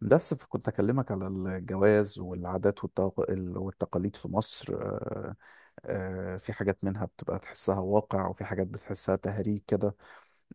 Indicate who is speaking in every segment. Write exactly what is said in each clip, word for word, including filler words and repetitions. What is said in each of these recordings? Speaker 1: بس كنت أكلمك على الجواز والعادات والتق- ال- والتقاليد في مصر. آه، آه، في حاجات منها بتبقى تحسها واقع وفي حاجات بتحسها تهريج كده.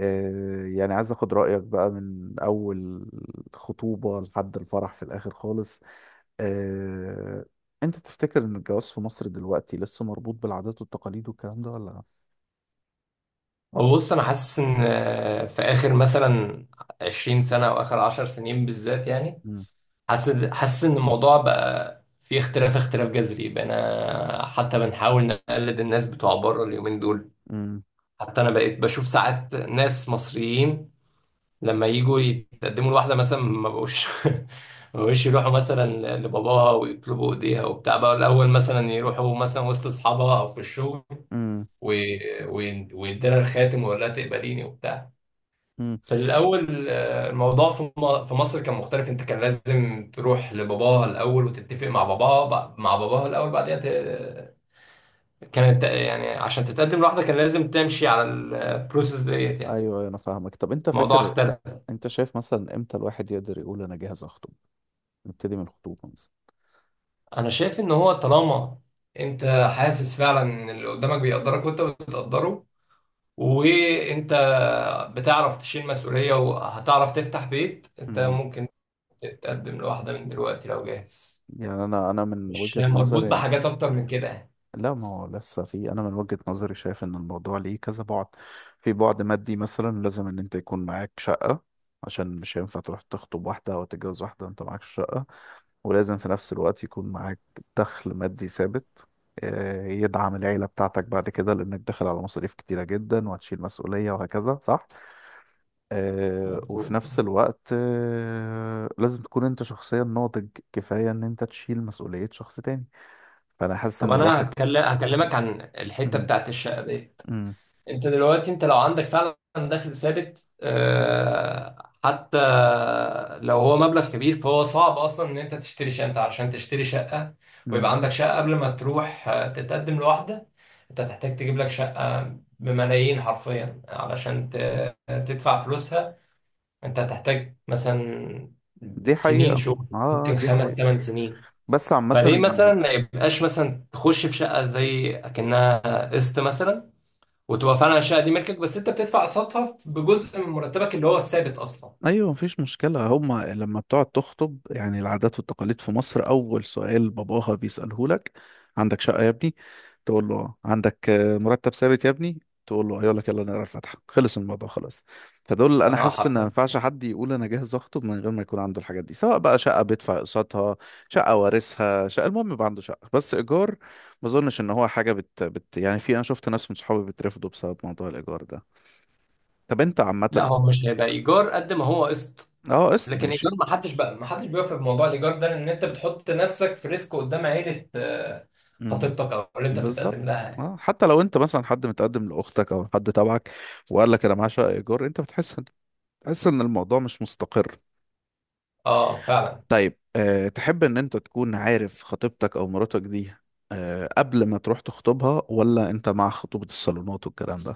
Speaker 1: آه، يعني عايز أخد رأيك بقى من أول خطوبة لحد الفرح في الآخر خالص. آه، أنت تفتكر إن الجواز في مصر دلوقتي لسه مربوط بالعادات والتقاليد والكلام ده ولا لأ؟
Speaker 2: هو بص انا حاسس ان آه، في اخر مثلا عشرين سنه او اخر عشر سنين بالذات يعني.
Speaker 1: مم.
Speaker 2: حاسس حاسس ان الموضوع بقى في اختلاف اختلاف جذري، بقينا حتى بنحاول نقلد الناس بتوع بره اليومين دول.
Speaker 1: مم.
Speaker 2: حتى انا بقيت بشوف ساعات ناس مصريين لما يجوا يتقدموا لواحده مثلا ما بقوش ما بقوش يروحوا مثلا لباباها ويطلبوا ايديها وبتاع، بقى الاول مثلا يروحوا مثلا وسط اصحابها او في الشغل،
Speaker 1: مم.
Speaker 2: و- وي- ويديلها الخاتم ويقول لها تقبليني وبتاع.
Speaker 1: مم.
Speaker 2: في الأول آه، الموضوع في م- في مصر كان مختلف. أنت كان لازم تروح لباباها الأول وتتفق مع باباها، ب- مع باباها الأول بعدين ت- كانت يعني عشان تتقدم لوحدك كان لازم تمشي على البروسيس ديت
Speaker 1: أيوه
Speaker 2: يعني.
Speaker 1: أيوة، أنا فاهمك. طب أنت
Speaker 2: الموضوع
Speaker 1: فاكر؟
Speaker 2: اختلف.
Speaker 1: أنت شايف مثلا إمتى الواحد يقدر يقول أنا جاهز أخطب؟ نبتدي من الخطوبة مثلا.
Speaker 2: أنا شايف إن هو طالما أنت حاسس فعلا إن اللي قدامك بيقدرك وأنت بتقدره، وأنت بتعرف تشيل مسؤولية وهتعرف تفتح بيت، أنت
Speaker 1: امم.
Speaker 2: ممكن تتقدم لواحدة من دلوقتي لو جاهز،
Speaker 1: يعني أنا أنا من
Speaker 2: مش
Speaker 1: وجهة
Speaker 2: مربوط
Speaker 1: نظري،
Speaker 2: بحاجات أكتر من كده يعني.
Speaker 1: لا ما هو لسه في، أنا من وجهة نظري شايف إن الموضوع ليه كذا بعد. في بعد مادي مثلا، لازم إن أنت يكون معاك شقة، عشان مش هينفع تروح تخطب واحدة أو تتجوز واحدة وأنت معاك شقة. ولازم في نفس الوقت يكون معاك دخل مادي ثابت، آه، يدعم العيلة بتاعتك بعد كده، لأنك داخل على مصاريف كتيرة جدا وهتشيل مسؤولية وهكذا، صح؟ آه وفي
Speaker 2: مظبوط.
Speaker 1: نفس الوقت آه لازم تكون انت شخصيا ناضج كفاية ان انت تشيل مسؤولية شخص تاني. فانا حاسس
Speaker 2: طب
Speaker 1: ان
Speaker 2: انا
Speaker 1: الواحد.
Speaker 2: هكل- هكلمك عن الحته
Speaker 1: مم،
Speaker 2: بتاعت الشقه ديت.
Speaker 1: مم،
Speaker 2: انت دلوقتي، انت لو عندك فعلا دخل ثابت آه، حتى لو هو مبلغ كبير، فهو صعب اصلا ان انت تشتري شقه. انت عشان تشتري شقه ويبقى
Speaker 1: مم.
Speaker 2: عندك شقه قبل ما تروح آه، تتقدم لواحده، انت هتحتاج تجيب لك شقه بملايين حرفيا علشان ت- تدفع فلوسها. انت هتحتاج مثلا
Speaker 1: دي
Speaker 2: سنين
Speaker 1: حقيقة.
Speaker 2: شغل،
Speaker 1: اه
Speaker 2: ممكن
Speaker 1: دي
Speaker 2: خمس
Speaker 1: حقيقة،
Speaker 2: ثمان سنين.
Speaker 1: بس عامة.
Speaker 2: فليه مثلا ما يبقاش مثلا تخش في شقه زي اكنها قسط مثلا، وتبقى فعلا الشقه دي ملكك بس انت بتدفع قسطها بجزء من مرتبك اللي هو الثابت اصلا.
Speaker 1: ايوه مفيش مشكله، هما لما بتقعد تخطب يعني العادات والتقاليد في مصر اول سؤال باباها بيساله لك: عندك شقه يا ابني؟ تقول له آه. عندك آه، مرتب ثابت يا ابني؟ تقول له آه. يقول لك يلا نقرا الفاتحه، خلص الموضوع خلاص. فدول انا
Speaker 2: اه
Speaker 1: حاسس ان ما
Speaker 2: حرفيا.
Speaker 1: ينفعش حد يقول انا جاهز اخطب من غير ما يكون عنده الحاجات دي، سواء بقى شقه بيدفع اقساطها، شقه وارثها، شقه، المهم يبقى عنده شقه بس ايجار. ما اظنش ان هو حاجه بت, بت يعني، في، انا شفت ناس من صحابي بترفضوا بسبب موضوع الايجار ده. طب انت
Speaker 2: لا،
Speaker 1: عامه.
Speaker 2: هو مش هيبقى ايجار قد ما هو قسط.
Speaker 1: اه قسط
Speaker 2: لكن ايجار،
Speaker 1: ماشي.
Speaker 2: ما حدش بقى ما حدش بيوافق بموضوع الايجار ده لان انت بتحط نفسك في ريسك قدام عيله، آه،
Speaker 1: مم.
Speaker 2: خطيبتك او اللي انت بتتقدم
Speaker 1: بالظبط،
Speaker 2: لها يعني.
Speaker 1: اه حتى لو انت مثلا حد متقدم لاختك او حد تبعك وقال لك انا معايا شقه ايجار، انت بتحس بتحس ان الموضوع مش مستقر.
Speaker 2: اه فعلا.
Speaker 1: طيب، أه تحب ان انت تكون عارف خطيبتك او مراتك دي أه قبل ما تروح تخطبها، ولا انت مع خطوبه الصالونات والكلام ده؟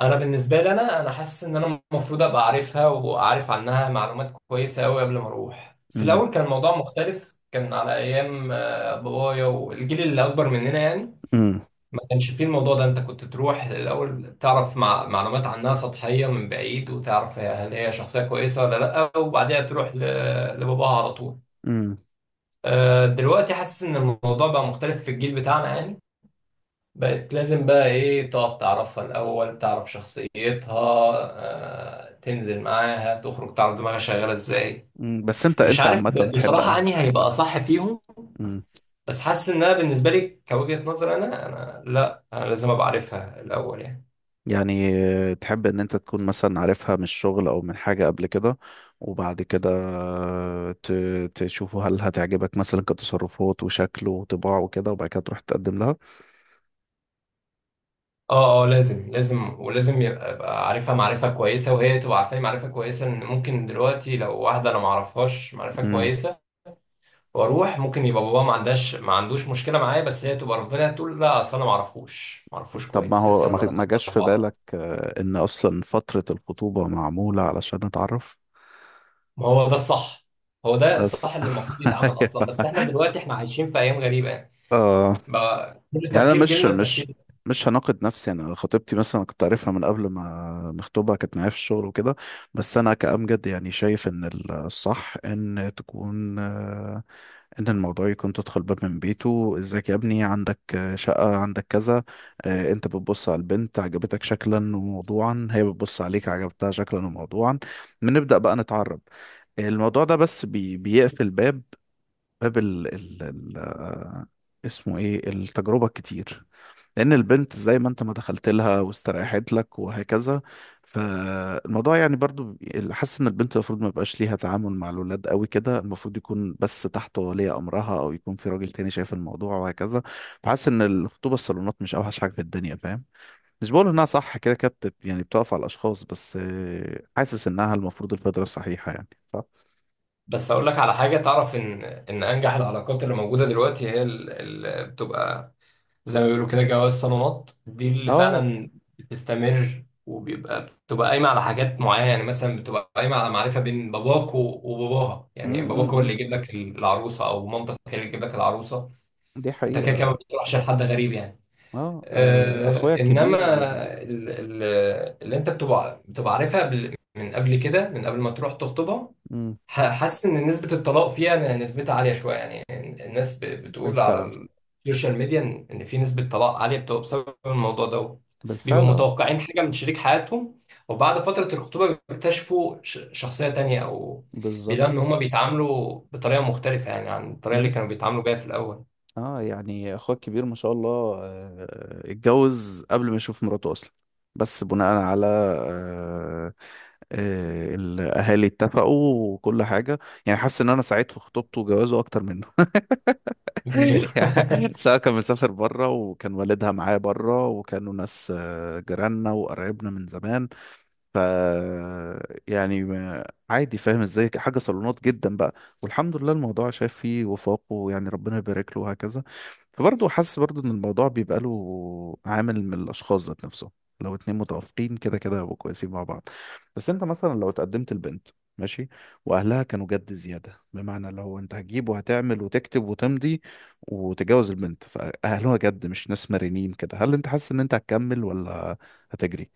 Speaker 2: انا بالنسبه لي، انا انا حاسس ان انا المفروض ابقى عارفها واعرف عنها معلومات كويسه قوي قبل ما اروح. في
Speaker 1: امم.
Speaker 2: الاول كان الموضوع مختلف، كان على ايام آه، بابايا والجيل اللي اكبر مننا يعني.
Speaker 1: امم.
Speaker 2: ما كانش فيه الموضوع ده. انت كنت تروح الاول تعرف مع معلومات عنها سطحيه من بعيد، وتعرف هي- هل هي شخصيه كويسه ولا لا، وبعدها تروح ل- لباباها على طول.
Speaker 1: امم.
Speaker 2: آه، دلوقتي حاسس ان الموضوع بقى مختلف في الجيل بتاعنا يعني. بقت لازم بقى ايه، تقعد تعرفها الأول، تعرف شخصيتها، آه، تنزل معاها تخرج تعرف دماغها شغالة ازاي.
Speaker 1: بس انت
Speaker 2: مش
Speaker 1: انت عامه
Speaker 2: عارف ب-
Speaker 1: تحب
Speaker 2: بصراحة
Speaker 1: انهي
Speaker 2: أنهي هيبقى صح فيهم، بس حاسس إن أنا بالنسبة لي كوجهة نظر، أنا أنا لا، أنا لازم أبقى عارفها الأول يعني.
Speaker 1: يعني، آه، تحب ان انت تكون مثلا عارفها من الشغل او من حاجة قبل كده، وبعد كده آه، ت- تشوفوا هل هتعجبك مثلا كتصرفات وشكل وطباع وكده وبعد كده تروح تقدم لها.
Speaker 2: اه اه لازم، لازم ولازم يبقى أبقى عارفها معرفة كويسة وهي تبقى عارفاني معرفة كويسة. إن ممكن دلوقتي لو واحدة أنا معرفهاش معرفة
Speaker 1: مم.
Speaker 2: كويسة واروح، ممكن يبقى بابا ما عندهاش ما عندوش مشكله معايا بس هي تبقى رافضاني، تقول لا اصل انا ما اعرفوش ما اعرفوش
Speaker 1: طب ما
Speaker 2: كويس
Speaker 1: هو
Speaker 2: لسه،
Speaker 1: ما
Speaker 2: لما انا
Speaker 1: ما جاش
Speaker 2: أعرف
Speaker 1: في
Speaker 2: بعضها.
Speaker 1: بالك آه، ان اصلا فترة الخطوبة معمولة علشان نتعرف.
Speaker 2: ما هو ده الصح. هو ده
Speaker 1: بس
Speaker 2: الصح اللي المفروض يتعمل اصلا،
Speaker 1: ايوه.
Speaker 2: بس احنا دلوقتي احنا عايشين في ايام غريبه يعني.
Speaker 1: اه.
Speaker 2: بقى كل
Speaker 1: يعني انا
Speaker 2: التفكير،
Speaker 1: مش
Speaker 2: جيلنا
Speaker 1: مش
Speaker 2: التفكير.
Speaker 1: مش هناقض نفسي يعني، أنا خطيبتي مثلا كنت عارفها من قبل ما مخطوبه، كانت معايا في الشغل وكده. بس انا كأمجد يعني شايف ان الصح ان تكون، آه، ان الموضوع يكون تدخل باب من بيته، ازيك يا ابني؟ عندك آه، شقه؟ عندك كذا؟ آه، انت بتبص على البنت عجبتك شكلا وموضوعا، هي بتبص عليك عجبتها شكلا وموضوعا، بنبدأ بقى نتعرف. الموضوع ده بس بي بيقفل باب، باب ال ال ال آه، اسمه ايه التجربه الكتير، لأن البنت زي ما أنت ما دخلت لها واستريحت لك وهكذا. فالموضوع يعني برضو، حاسس إن البنت المفروض ما يبقاش ليها تعامل مع الولاد قوي كده، المفروض يكون بس تحت ولي أمرها أو يكون في راجل تاني شايف الموضوع وهكذا. فحاسس إن الخطوبة الصالونات مش أوحش حاجة في الدنيا، فاهم؟ مش بقول إنها صح كده كده، بت- يعني بتقف على الأشخاص بس، آه، حاسس إنها المفروض الفترة الصحيحة يعني، صح؟
Speaker 2: بس اقول لك على حاجه. تعرف ان ان انجح العلاقات اللي موجوده دلوقتي هي اللي بتبقى زي ما بيقولوا كده جواز صالونات. دي اللي
Speaker 1: اه.
Speaker 2: فعلا بتستمر، وبيبقى بتبقى قايمة على حاجات معينة يعني. مثلا بتبقى قايمة على معرفة بين باباك و- وباباها. يعني باباك هو اللي
Speaker 1: امم.
Speaker 2: يجيب لك العروسة أو مامتك هي اللي تجيب لك العروسة.
Speaker 1: دي
Speaker 2: أنت كده كده
Speaker 1: حقيقة.
Speaker 2: ما بتروحش لحد غريب يعني.
Speaker 1: اه. آه،
Speaker 2: آه
Speaker 1: اخويا
Speaker 2: إنما
Speaker 1: الكبير. آه،
Speaker 2: ال- ال- اللي أنت بتبقى بتبقى عارفها بال- من قبل كده من قبل ما تروح تخطبها.
Speaker 1: مم.
Speaker 2: ح- حاسس ان نسبة الطلاق فيها، إن نسبتها عالية شوية يعني. الناس ب- بتقول
Speaker 1: بالفعل.
Speaker 2: على السوشيال ميديا ان إن في نسبة طلاق عالية بتبقى بسبب الموضوع ده. بيبقوا
Speaker 1: بالفعل.
Speaker 2: متوقعين حاجة من شريك حياتهم، وبعد فترة الخطوبة بيكتشفوا ش- شخصية تانية، او بيلاقوا ان
Speaker 1: بالظبط.
Speaker 2: هما بيتعاملوا بطريقة مختلفة يعني عن الطريقة اللي
Speaker 1: مم.
Speaker 2: كانوا بيتعاملوا بيها في الاول.
Speaker 1: اه يعني اخوك الكبير ما شاء الله، آه، اتجوز قبل ما يشوف مراته اصلا، بس بناء على آه، آه، الاهالي اتفقوا وكل حاجه. يعني حاسس ان انا سعيد في خطوبته وجوازه اكتر منه. يعني سواء كان مسافر بره وكان والدها معايا بره وكانوا ناس آه، جيراننا وقرايبنا من زمان. ف يعني ما- عادي، فاهم ازاي، حاجه صالونات جدا بقى. والحمد لله الموضوع شاف فيه وفاقه ويعني ربنا يبارك له وهكذا. فبرضه حاسس برضه ان الموضوع بيبقى له عامل من الاشخاص ذات نفسهم. لو اتنين متوافقين كده كده هيبقوا كويسين مع بعض. بس انت مثلا لو اتقدمت لبنت ماشي، واهلها كانوا جد زياده، بمعنى اللي هو انت هتجيب وهتعمل وتكتب وتمضي وتتجوز البنت، فاهلها جد مش ناس مرنين كده، هل انت حاسس ان انت هتكمل ولا هتجري؟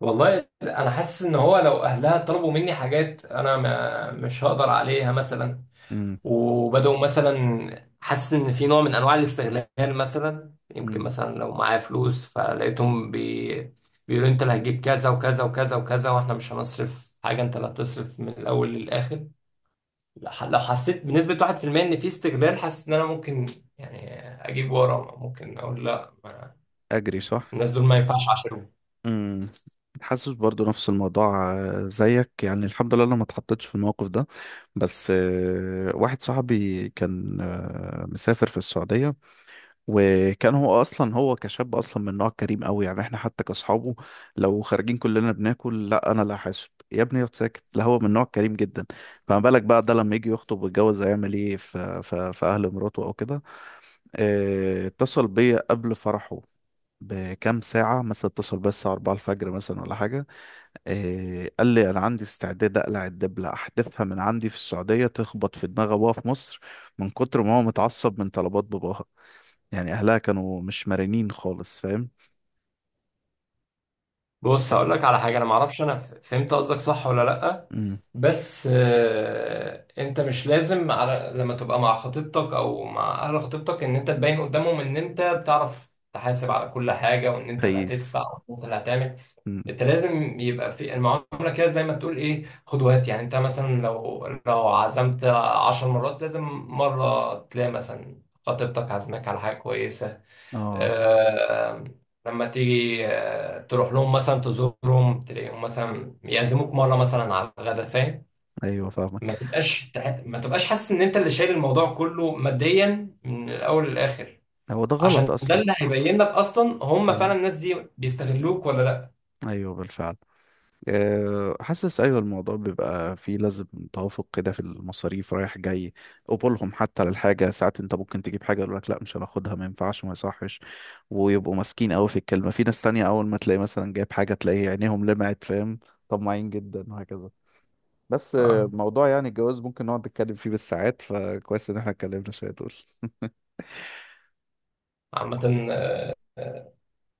Speaker 2: والله انا حاسس ان هو لو اهلها طلبوا مني حاجات انا ما مش هقدر عليها مثلا،
Speaker 1: امم.
Speaker 2: وبدأوا مثلا، حاسس ان في نوع من انواع الاستغلال مثلا، يمكن
Speaker 1: امم.
Speaker 2: مثلا لو معايا فلوس فلقيتهم بي... بيقولوا انت اللي هتجيب كذا وكذا وكذا وكذا واحنا مش هنصرف حاجة، انت اللي هتصرف من الاول للاخر. لح- لو حسيت بنسبة واحد في المية ان في استغلال، حاسس ان انا ممكن يعني اجيب ورا، ممكن اقول لا ما-
Speaker 1: اجري صح.
Speaker 2: الناس دول ما ينفعش، عشان.
Speaker 1: امم. حاسس برضو نفس الموضوع، آه، زيك يعني الحمد لله انا ما اتحطيتش في الموقف ده. بس آه، واحد صاحبي كان آه، مسافر في السعودية، وكان هو اصلا، هو كشاب اصلا من نوع كريم قوي يعني، احنا حتى كاصحابه لو خارجين كلنا بناكل، لا انا، لا حاسب يا ابني اقعد ساكت، لا هو من نوع كريم جدا. فما بالك بقى ده لما يجي يخطب ويتجوز هيعمل ايه في في في اهل مراته او كده. آه، اتصل بيا قبل فرحه بكام ساعة مثلا، اتصل بس الساعة أربعة الفجر مثلا ولا حاجة. آه قال لي أنا عندي استعداد أقلع الدبلة أحدفها من عندي في السعودية تخبط في دماغ أبوها في مصر، من كتر ما هو متعصب من طلبات باباها. يعني أهلها كانوا مش مرنين خالص، فاهم؟ ف...
Speaker 2: بص هقول لك على حاجه. انا ما اعرفش انا ف- فهمت قصدك صح ولا لا.
Speaker 1: مم.
Speaker 2: بس آه، انت مش لازم على لما تبقى مع خطيبتك او مع اهل خطيبتك ان انت تبين قدامهم ان انت بتعرف تحاسب على كل حاجه وان انت اللي
Speaker 1: فايس.
Speaker 2: هتدفع وان انت اللي هتعمل.
Speaker 1: مم.
Speaker 2: انت لازم يبقى في المعامله كده زي ما تقول ايه، خد وهات يعني. انت مثلا لو لو عزمت عشر مرات لازم مره تلاقي مثلا خطيبتك عزمك على حاجه كويسه،
Speaker 1: اه.
Speaker 2: آه، لما تيجي آه، تروح لهم مثلا تزورهم، تلاقيهم مثلا يعزموك مره مثلا على الغدا فاهم.
Speaker 1: أيوه فاهمك.
Speaker 2: ما تبقاش تح- ما تبقاش حاسس ان انت اللي شايل الموضوع كله ماديا من الاول للاخر.
Speaker 1: هو ده غلط
Speaker 2: عشان ده
Speaker 1: أصلا.
Speaker 2: اللي هيبين لك اصلا هم فعلا
Speaker 1: مم.
Speaker 2: الناس دي بيستغلوك ولا لا.
Speaker 1: أيوه بالفعل. آه، حاسس ايوه الموضوع بيبقى فيه لازم توافق كده في المصاريف رايح جاي، قبولهم حتى للحاجه، ساعات انت ممكن تجيب حاجه يقول لك لا مش هناخدها ما ينفعش وما يصحش، ويبقوا ماسكين قوي في الكلمه. في ناس تانية اول ما تلاقي مثلا جايب حاجه تلاقي عينيهم لمعت، فاهم؟ طماعين جدا وهكذا. بس آه،
Speaker 2: آه،
Speaker 1: موضوع يعني الجواز ممكن نقعد نتكلم فيه بالساعات، فكويس ان احنا اتكلمنا شويه دول.
Speaker 2: عامه، آه،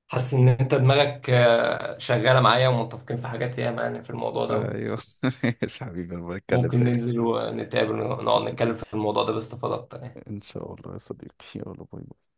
Speaker 2: حاسس ان انت دماغك آه، شغاله معايا ومتفقين في حاجات ياما يعني في الموضوع ده.
Speaker 1: ايوه. ماشي يا حبيبي انا بتكلم
Speaker 2: ممكن
Speaker 1: تاني.
Speaker 2: ننزل ونتقابل ونقعد نتكلم في الموضوع ده باستفاضه اكتر يعني.
Speaker 1: ان شاء الله يا صديقي، يلا باي باي.